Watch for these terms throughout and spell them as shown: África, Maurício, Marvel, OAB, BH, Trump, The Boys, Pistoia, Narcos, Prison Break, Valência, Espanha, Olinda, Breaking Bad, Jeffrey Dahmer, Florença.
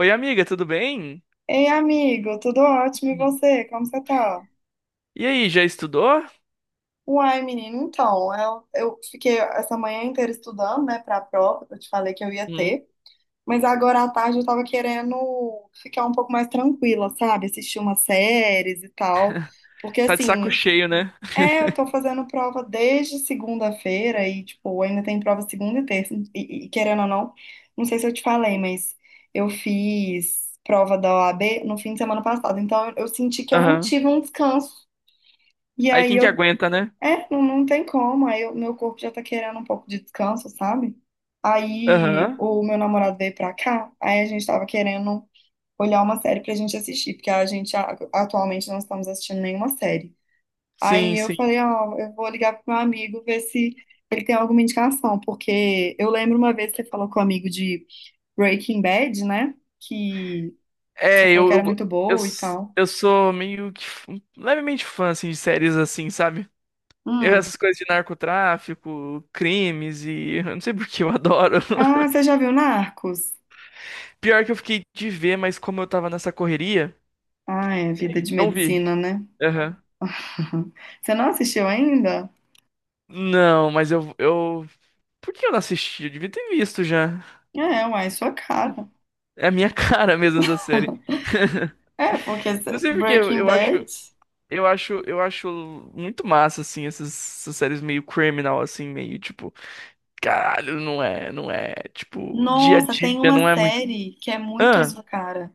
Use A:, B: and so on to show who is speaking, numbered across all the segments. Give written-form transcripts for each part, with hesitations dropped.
A: Oi, amiga, tudo bem?
B: Ei, amigo, tudo ótimo e
A: Uhum.
B: você? Como você tá?
A: E aí, já estudou?
B: Uai, menino, então, eu fiquei essa manhã inteira estudando, né, pra prova, que eu te falei que eu ia
A: Uhum.
B: ter, mas agora à tarde eu tava querendo ficar um pouco mais tranquila, sabe? Assistir umas séries e tal, porque
A: Tá de saco
B: assim,
A: cheio, né?
B: é, eu tô fazendo prova desde segunda-feira e, tipo, ainda tem prova segunda e terça. E, querendo ou não, não sei se eu te falei, mas eu fiz prova da OAB no fim de semana passado. Então, eu senti que eu não
A: Aham.
B: tive um descanso. E
A: Aí
B: aí
A: quem que
B: eu,
A: aguenta, né?
B: é, não, não tem como. Meu corpo já tá querendo um pouco de descanso, sabe? Aí
A: Aham.
B: o meu namorado veio pra cá, aí a gente tava querendo olhar uma série pra gente assistir, porque a gente atualmente não estamos assistindo nenhuma série. Aí
A: Sim,
B: eu
A: sim.
B: falei, ó, eu vou ligar pro meu amigo ver se ele tem alguma indicação, porque eu lembro uma vez que você falou com o amigo de Breaking Bad, né? Que você
A: É,
B: falou que
A: eu,
B: era
A: go-
B: muito
A: eu,
B: boa e
A: s-
B: tal.
A: eu sou meio que um, levemente fã, assim, de séries assim, sabe? Eu,
B: Hum.
A: essas coisas de narcotráfico, crimes e... Eu não sei por que eu adoro.
B: Ah, você já viu Narcos?
A: Pior que eu fiquei de ver, mas como eu tava nessa correria,
B: Ah, é vida de
A: não vi.
B: medicina, né?
A: Aham.
B: Você não assistiu ainda?
A: Não, mas eu... Por que eu não assisti? Eu devia ter visto já.
B: É, uai, é sua cara.
A: É a minha cara mesmo essa série. Não sei por quê,
B: Breaking Bad.
A: eu acho muito massa assim essas séries meio criminal assim, meio tipo, caralho, não é, tipo, dia a
B: Nossa, tem
A: dia não
B: uma
A: é muito.
B: série que é muito a
A: Ah,
B: sua cara.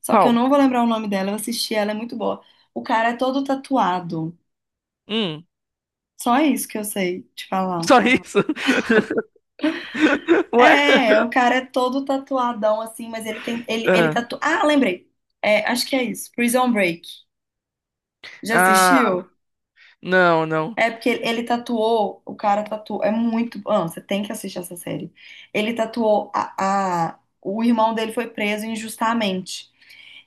B: Só que eu
A: qual?
B: não vou lembrar o nome dela, eu assisti, ela é muito boa. O cara é todo tatuado.
A: Hum,
B: Só isso que eu sei te falar.
A: só isso? Ué?
B: É, é, o cara é todo tatuadão assim, mas ele tem. Ele,
A: Ah,
B: Ah, lembrei. É, acho que é isso. Prison Break. Já
A: ah,
B: assistiu?
A: não, não.
B: É porque ele tatuou. O cara tatuou. É muito. Ah, você tem que assistir essa série. Ele tatuou. O irmão dele foi preso injustamente.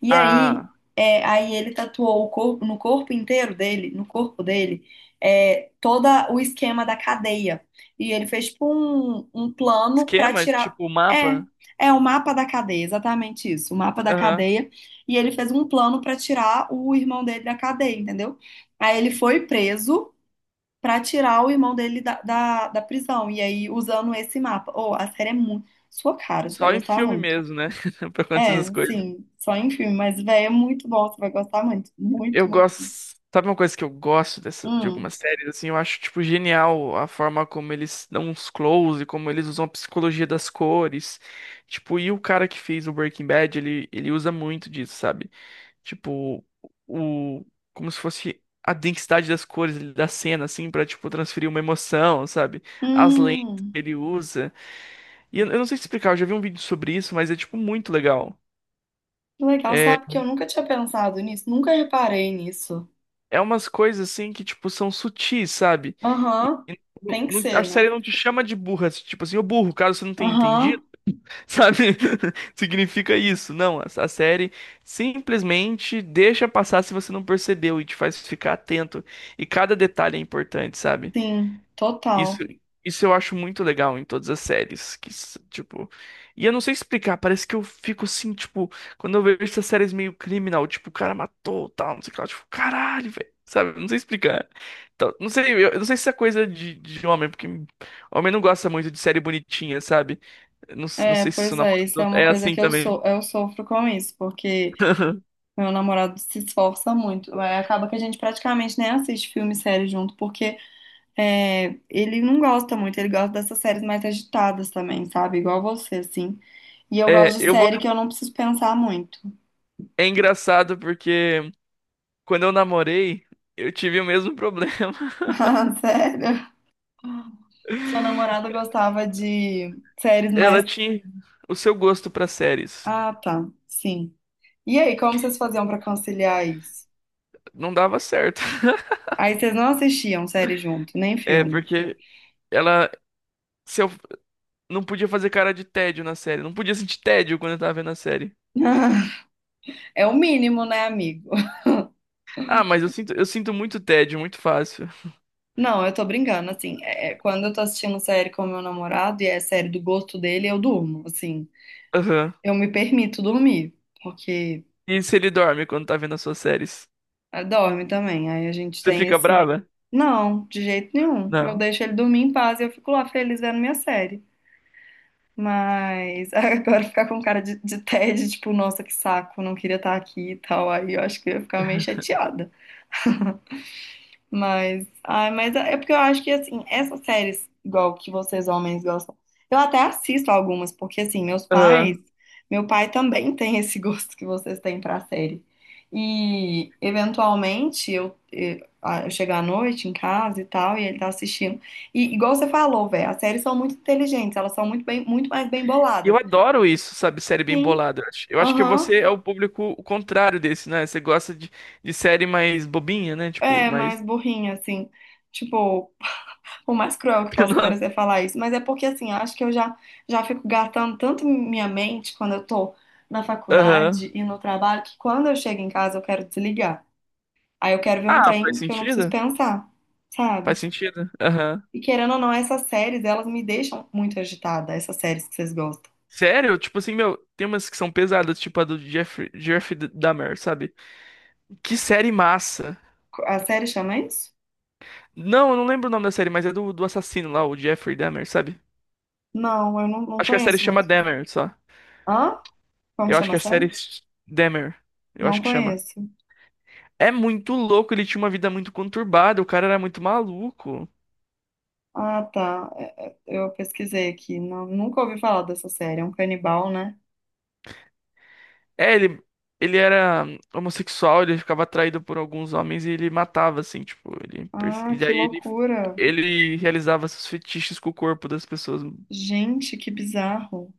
B: E aí,
A: Ah,
B: é, aí ele tatuou o corpo, no corpo inteiro dele, no corpo dele, é, todo o esquema da cadeia. E ele fez tipo um plano para
A: esquema,
B: tirar.
A: tipo,
B: É,
A: mapa.
B: é o mapa da cadeia, exatamente isso, o mapa da
A: Aham.
B: cadeia. E ele fez um plano para tirar o irmão dele da cadeia, entendeu? Aí ele foi preso para tirar o irmão dele da prisão. E aí, usando esse mapa. Oh, a série é muito sua cara, você vai
A: Só em
B: gostar
A: filme
B: muito.
A: mesmo, né? Pra acontecer essas
B: É,
A: coisas.
B: sim, só em filme, mas, véi, é muito bom, você vai gostar muito, muito,
A: Eu
B: muito.
A: gosto. Sabe uma coisa que eu gosto dessa, de
B: Hum,
A: algumas séries, assim, eu acho, tipo, genial a forma como eles dão uns close, como eles usam a psicologia das cores. Tipo, e o cara que fez o Breaking Bad, ele usa muito disso, sabe? Tipo, o, como se fosse a densidade das cores da cena, assim, pra, tipo, transferir uma emoção, sabe? As lentes
B: hum,
A: que ele usa. E eu não sei te explicar, eu já vi um vídeo sobre isso, mas é, tipo, muito legal.
B: que legal,
A: É,
B: sabe que eu nunca tinha pensado nisso, nunca reparei nisso.
A: é umas coisas, assim, que, tipo, são sutis, sabe?
B: Aham, tem que
A: A
B: ser, né?
A: série não te chama de burra, tipo assim, ô burro, caso você não tenha entendido,
B: Aham,
A: sabe? Significa isso. Não, a série simplesmente deixa passar se você não percebeu e te faz ficar atento. E cada detalhe é importante, sabe?
B: sim,
A: Isso,
B: total.
A: isso eu acho muito legal em todas as séries, que, tipo, e eu não sei explicar, parece que eu fico assim, tipo, quando eu vejo essas séries meio criminal, tipo, o cara matou, tal, não sei o que lá, tipo, caralho, velho, sabe? Não sei explicar. Então, não sei, eu não sei se é coisa de homem, porque homem não gosta muito de série bonitinha, sabe? Eu não, não
B: É,
A: sei se isso
B: pois é, isso é uma
A: é
B: coisa
A: assim
B: que eu
A: também.
B: sou, eu sofro com isso, porque meu namorado se esforça muito, é, acaba que a gente praticamente nem assiste filme e série junto, porque é, ele não gosta muito, ele gosta dessas séries mais agitadas também, sabe? Igual você, assim. E eu
A: É,
B: gosto de
A: eu vou.
B: série que eu não preciso pensar muito.
A: É engraçado porque quando eu namorei, eu tive o mesmo problema.
B: Ah, sério? Sua namorada gostava de séries
A: Ela
B: mais.
A: tinha o seu gosto pra séries.
B: Ah, tá. Sim. E aí, como vocês faziam pra conciliar isso?
A: Não dava certo.
B: Aí vocês não assistiam série junto, nem
A: É,
B: filme.
A: porque ela se eu, não podia fazer cara de tédio na série. Não podia sentir tédio quando eu tava vendo a série.
B: É o mínimo, né, amigo?
A: Ah, mas eu sinto muito tédio, muito fácil.
B: Não, eu tô brincando, assim, é, quando eu tô assistindo série com meu namorado e é série do gosto dele, eu durmo, assim.
A: Aham.
B: Eu me permito dormir, porque
A: E se ele dorme quando tá vendo as suas séries?
B: ela dorme também. Aí a gente
A: Você
B: tem
A: fica
B: esse.
A: brava?
B: Não, de jeito nenhum. Eu
A: Não.
B: deixo ele dormir em paz e eu fico lá feliz vendo minha série. Mas agora ficar com cara de tédio, tipo, nossa, que saco, não queria estar aqui e tal. Aí eu acho que eu ia ficar meio chateada. Mas, ai, mas é porque eu acho que assim, essas séries, igual que vocês homens gostam, eu até assisto algumas, porque assim, meus pais,
A: Aham.
B: meu pai também tem esse gosto que vocês têm pra série. E eventualmente eu chego à noite em casa e tal, e ele tá assistindo. E igual você falou, velho, as séries são muito inteligentes, elas são muito bem, muito mais bem
A: E eu
B: boladas.
A: adoro isso, sabe? Série bem
B: Sim,
A: bolada. Eu acho que
B: aham,
A: você é o público o contrário desse, né? Você gosta de série mais bobinha, né? Tipo,
B: é
A: mais.
B: mais burrinha, assim. Tipo. Por mais cruel que possa parecer falar isso, mas é porque assim, eu acho que já fico gastando tanto minha mente quando eu tô na
A: Aham.
B: faculdade e no trabalho, que quando eu chego em casa eu quero desligar. Aí eu quero ver um
A: Ah, faz
B: trem que eu não preciso
A: sentido?
B: pensar,
A: Faz
B: sabe?
A: sentido. Aham.
B: E querendo ou não, essas séries, elas me deixam muito agitada, essas séries que vocês gostam.
A: Sério? Tipo assim, meu, tem umas que são pesadas, tipo a do Jeff Dahmer, sabe? Que série massa.
B: A série chama isso?
A: Não, eu não lembro o nome da série, mas é do, do assassino lá, o Jeffrey Dahmer, sabe?
B: Não, eu não, não
A: Acho que a série
B: conheço
A: chama
B: muito.
A: Dahmer, só.
B: Hã? Como
A: Eu acho
B: chama
A: que
B: a
A: a
B: série?
A: Dahmer. Eu acho
B: Não
A: que chama.
B: conheço.
A: É muito louco, ele tinha uma vida muito conturbada, o cara era muito maluco.
B: Ah, tá. Eu pesquisei aqui. Não, nunca ouvi falar dessa série. É um canibal, né?
A: É, ele era homossexual, ele ficava atraído por alguns homens e ele matava, assim, tipo, ele, e
B: Ah, que
A: daí
B: loucura.
A: ele realizava seus fetiches com o corpo das pessoas.
B: Gente, que bizarro.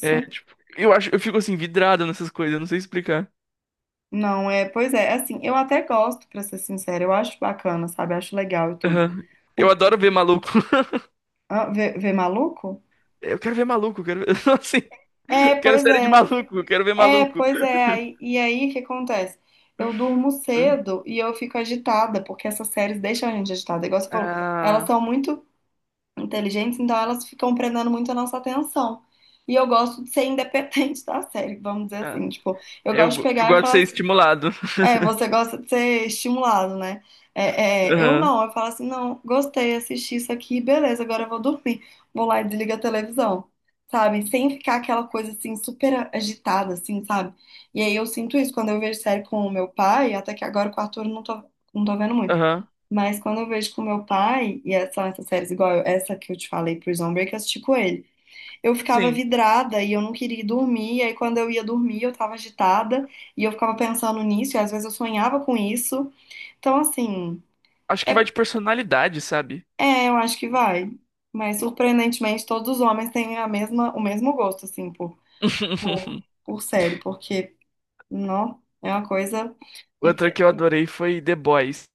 A: É, tipo, eu acho, eu fico assim, vidrado nessas coisas, eu não sei explicar.
B: Não, é, pois é, assim, eu até gosto, pra ser sincera, eu acho bacana, sabe? Eu acho legal e tudo.
A: Aham. Eu
B: O,
A: adoro
B: o-
A: ver maluco.
B: vê, vê maluco?
A: Eu quero ver maluco, eu quero ver, assim,
B: É,
A: quero
B: pois
A: série de
B: é.
A: maluco, eu quero ver
B: É,
A: maluco.
B: pois é. Aí, e aí, o que acontece? Eu durmo cedo e eu fico agitada, porque essas séries deixam a gente agitada. Igual você falou, elas são
A: Ah,
B: muito inteligentes, então elas ficam prendendo muito a nossa atenção. E eu gosto de ser independente da série, vamos dizer
A: ah.
B: assim, tipo, eu gosto de
A: Eu
B: pegar e
A: gosto de
B: falar
A: ser
B: assim,
A: estimulado.
B: é, você gosta de ser estimulado, né? Eu
A: Aham,
B: não, eu falo assim, não, gostei, assisti isso aqui, beleza, agora eu vou dormir. Vou lá e desligo a televisão, sabe? Sem ficar aquela coisa assim, super agitada, assim, sabe? E aí eu sinto isso quando eu vejo série com o meu pai, até que agora com o Arthur eu não tô, não tô vendo muito.
A: aham.
B: Mas quando eu vejo com o meu pai, e são essas séries igual essa que eu te falei, Prison Break, eu assisti com ele. Eu ficava
A: Sim,
B: vidrada e eu não queria ir dormir. E aí, quando eu ia dormir, eu tava agitada e eu ficava pensando nisso. E às vezes eu sonhava com isso. Então, assim,
A: acho que vai
B: é,
A: de personalidade, sabe?
B: é, eu acho que vai. Mas surpreendentemente, todos os homens têm a mesma, o mesmo gosto, assim, por, por série, porque não é uma coisa. e-
A: Outra que eu adorei foi The Boys.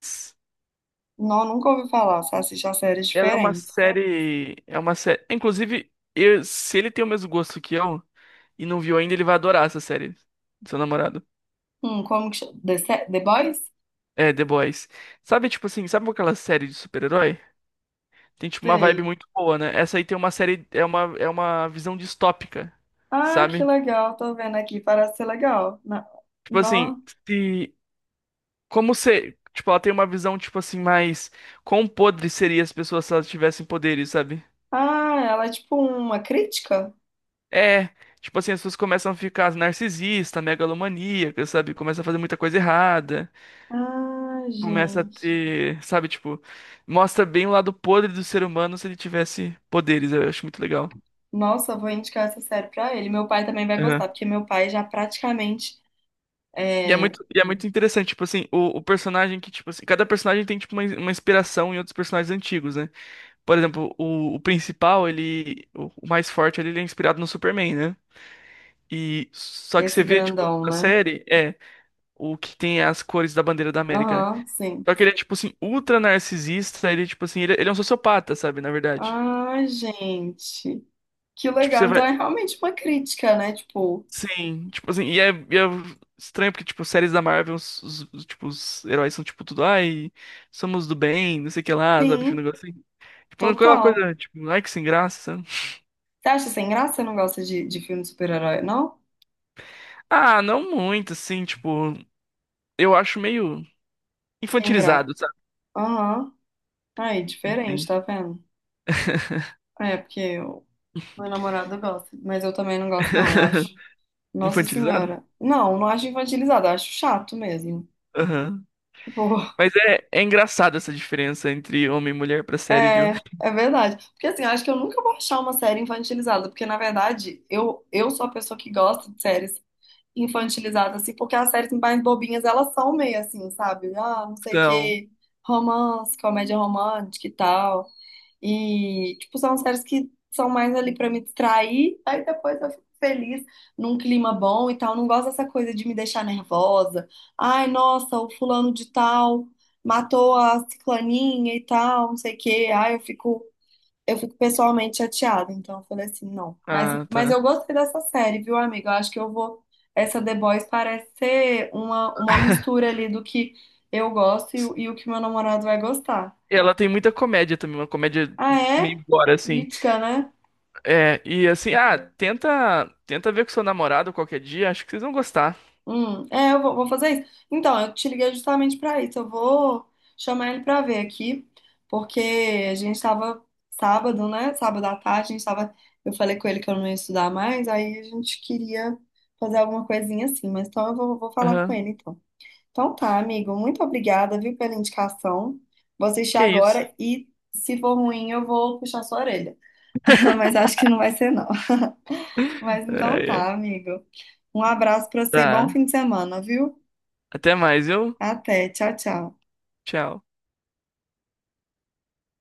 B: Não, nunca ouvi falar. Só assisti a séries
A: Ela é uma
B: diferentes.
A: série. É uma série. Inclusive, se ele tem o mesmo gosto que eu e não viu ainda, ele vai adorar essa série. Seu namorado.
B: Como que chama? The, Se- The Boys?
A: É, The Boys. Sabe, tipo assim, sabe aquela série de super-herói? Tem, tipo, uma vibe
B: Sei.
A: muito boa, né? Essa aí tem uma série. É uma visão distópica,
B: Ah, que
A: sabe?
B: legal. Tô vendo aqui. Parece ser legal.
A: Tipo assim,
B: Não.
A: se. Como se tipo, ela tem uma visão, tipo assim, mais. Quão podre seria as pessoas se elas tivessem poderes, sabe?
B: Ah, ela é tipo uma crítica?
A: É, tipo assim, as pessoas começam a ficar narcisista, megalomaníaca, sabe? Começa a fazer muita coisa errada,
B: Ah,
A: começa a
B: gente.
A: ter, sabe, tipo, mostra bem o lado podre do ser humano se ele tivesse poderes, eu acho muito legal.
B: Nossa, eu vou indicar essa série pra ele. Meu pai também vai gostar,
A: Aham.
B: porque meu pai já praticamente é
A: E é muito interessante, tipo assim, o personagem que, tipo assim, cada personagem tem, tipo, uma inspiração em outros personagens antigos, né? Por exemplo, o principal, ele, o mais forte, ele é inspirado no Superman, né? E só que
B: esse
A: você vê, tipo,
B: grandão,
A: na
B: né?
A: série, é, o que tem as cores da bandeira da América, né?
B: Aham, sim.
A: Só que ele é, tipo assim, ultra narcisista, ele, tipo assim, ele é um sociopata, sabe, na verdade.
B: Ah, gente. Que
A: Tipo, você
B: legal.
A: vai.
B: Então é realmente uma crítica, né? Tipo,
A: Sim, tipo assim, e é estranho porque, tipo, séries da Marvel, os, tipo, os heróis são, tipo, tudo, ai, somos do bem, não sei o que lá, sabe, tipo, um
B: sim,
A: negócio assim. Tipo, aquela
B: total.
A: coisa, tipo, ai, que sem graça, sabe?
B: Você acha sem graça? Você não gosta de filme de super-herói, não?
A: Ah, não muito, assim, tipo, eu acho meio
B: Sem graça.
A: infantilizado, sabe?
B: Aham. Aí, diferente,
A: Entende?
B: tá vendo? É, porque o meu namorado gosta, mas eu também não gosto, não, eu acho. Nossa
A: Infantilizado?
B: Senhora. Não, não acho infantilizado, eu acho chato mesmo.
A: Aham.
B: Tipo,
A: Mas é engraçado essa diferença entre homem e mulher pra série, viu?
B: é, é verdade. Porque assim, eu acho que eu nunca vou achar uma série infantilizada, porque na verdade eu sou a pessoa que gosta de séries infantilizadas, assim, porque as séries mais bobinhas elas são meio assim, sabe? Ah, não sei o
A: Então,
B: que, romance, comédia romântica e tal. E, tipo, são séries que são mais ali pra me distrair, aí depois eu fico feliz, num clima bom e tal. Não gosto dessa coisa de me deixar nervosa. Ai, nossa, o fulano de tal matou a ciclaninha e tal, não sei o quê. Ai, eu fico pessoalmente chateada. Então eu falei assim, não.
A: ah,
B: Mas eu
A: tá.
B: gostei dessa série, viu, amiga? Eu acho que eu vou. Essa The Boys parece ser uma mistura ali do que eu gosto e o que meu namorado vai gostar.
A: Ela tem muita comédia também, uma comédia
B: Ah, é?
A: meio gore, assim.
B: Crítica, né?
A: É, e assim, ah, tenta ver com seu namorado qualquer dia, acho que vocês vão gostar.
B: É, eu vou, vou fazer isso. Então, eu te liguei justamente para isso. Eu vou chamar ele para ver aqui, porque a gente estava sábado, né? Sábado à tarde, a gente estava. Eu falei com ele que eu não ia estudar mais, aí a gente queria fazer alguma coisinha assim, mas então eu vou, vou falar com
A: Aham,
B: ele então. Então tá, amigo, muito obrigada, viu, pela indicação. Vou assistir
A: que isso.
B: agora e se for ruim, eu vou puxar sua orelha. Mas acho que não vai ser, não. Mas então
A: Ai, ai.
B: tá, amigo. Um abraço para você, bom
A: Tá,
B: fim de semana, viu?
A: até mais, viu?
B: Até. Tchau, tchau.
A: Tchau.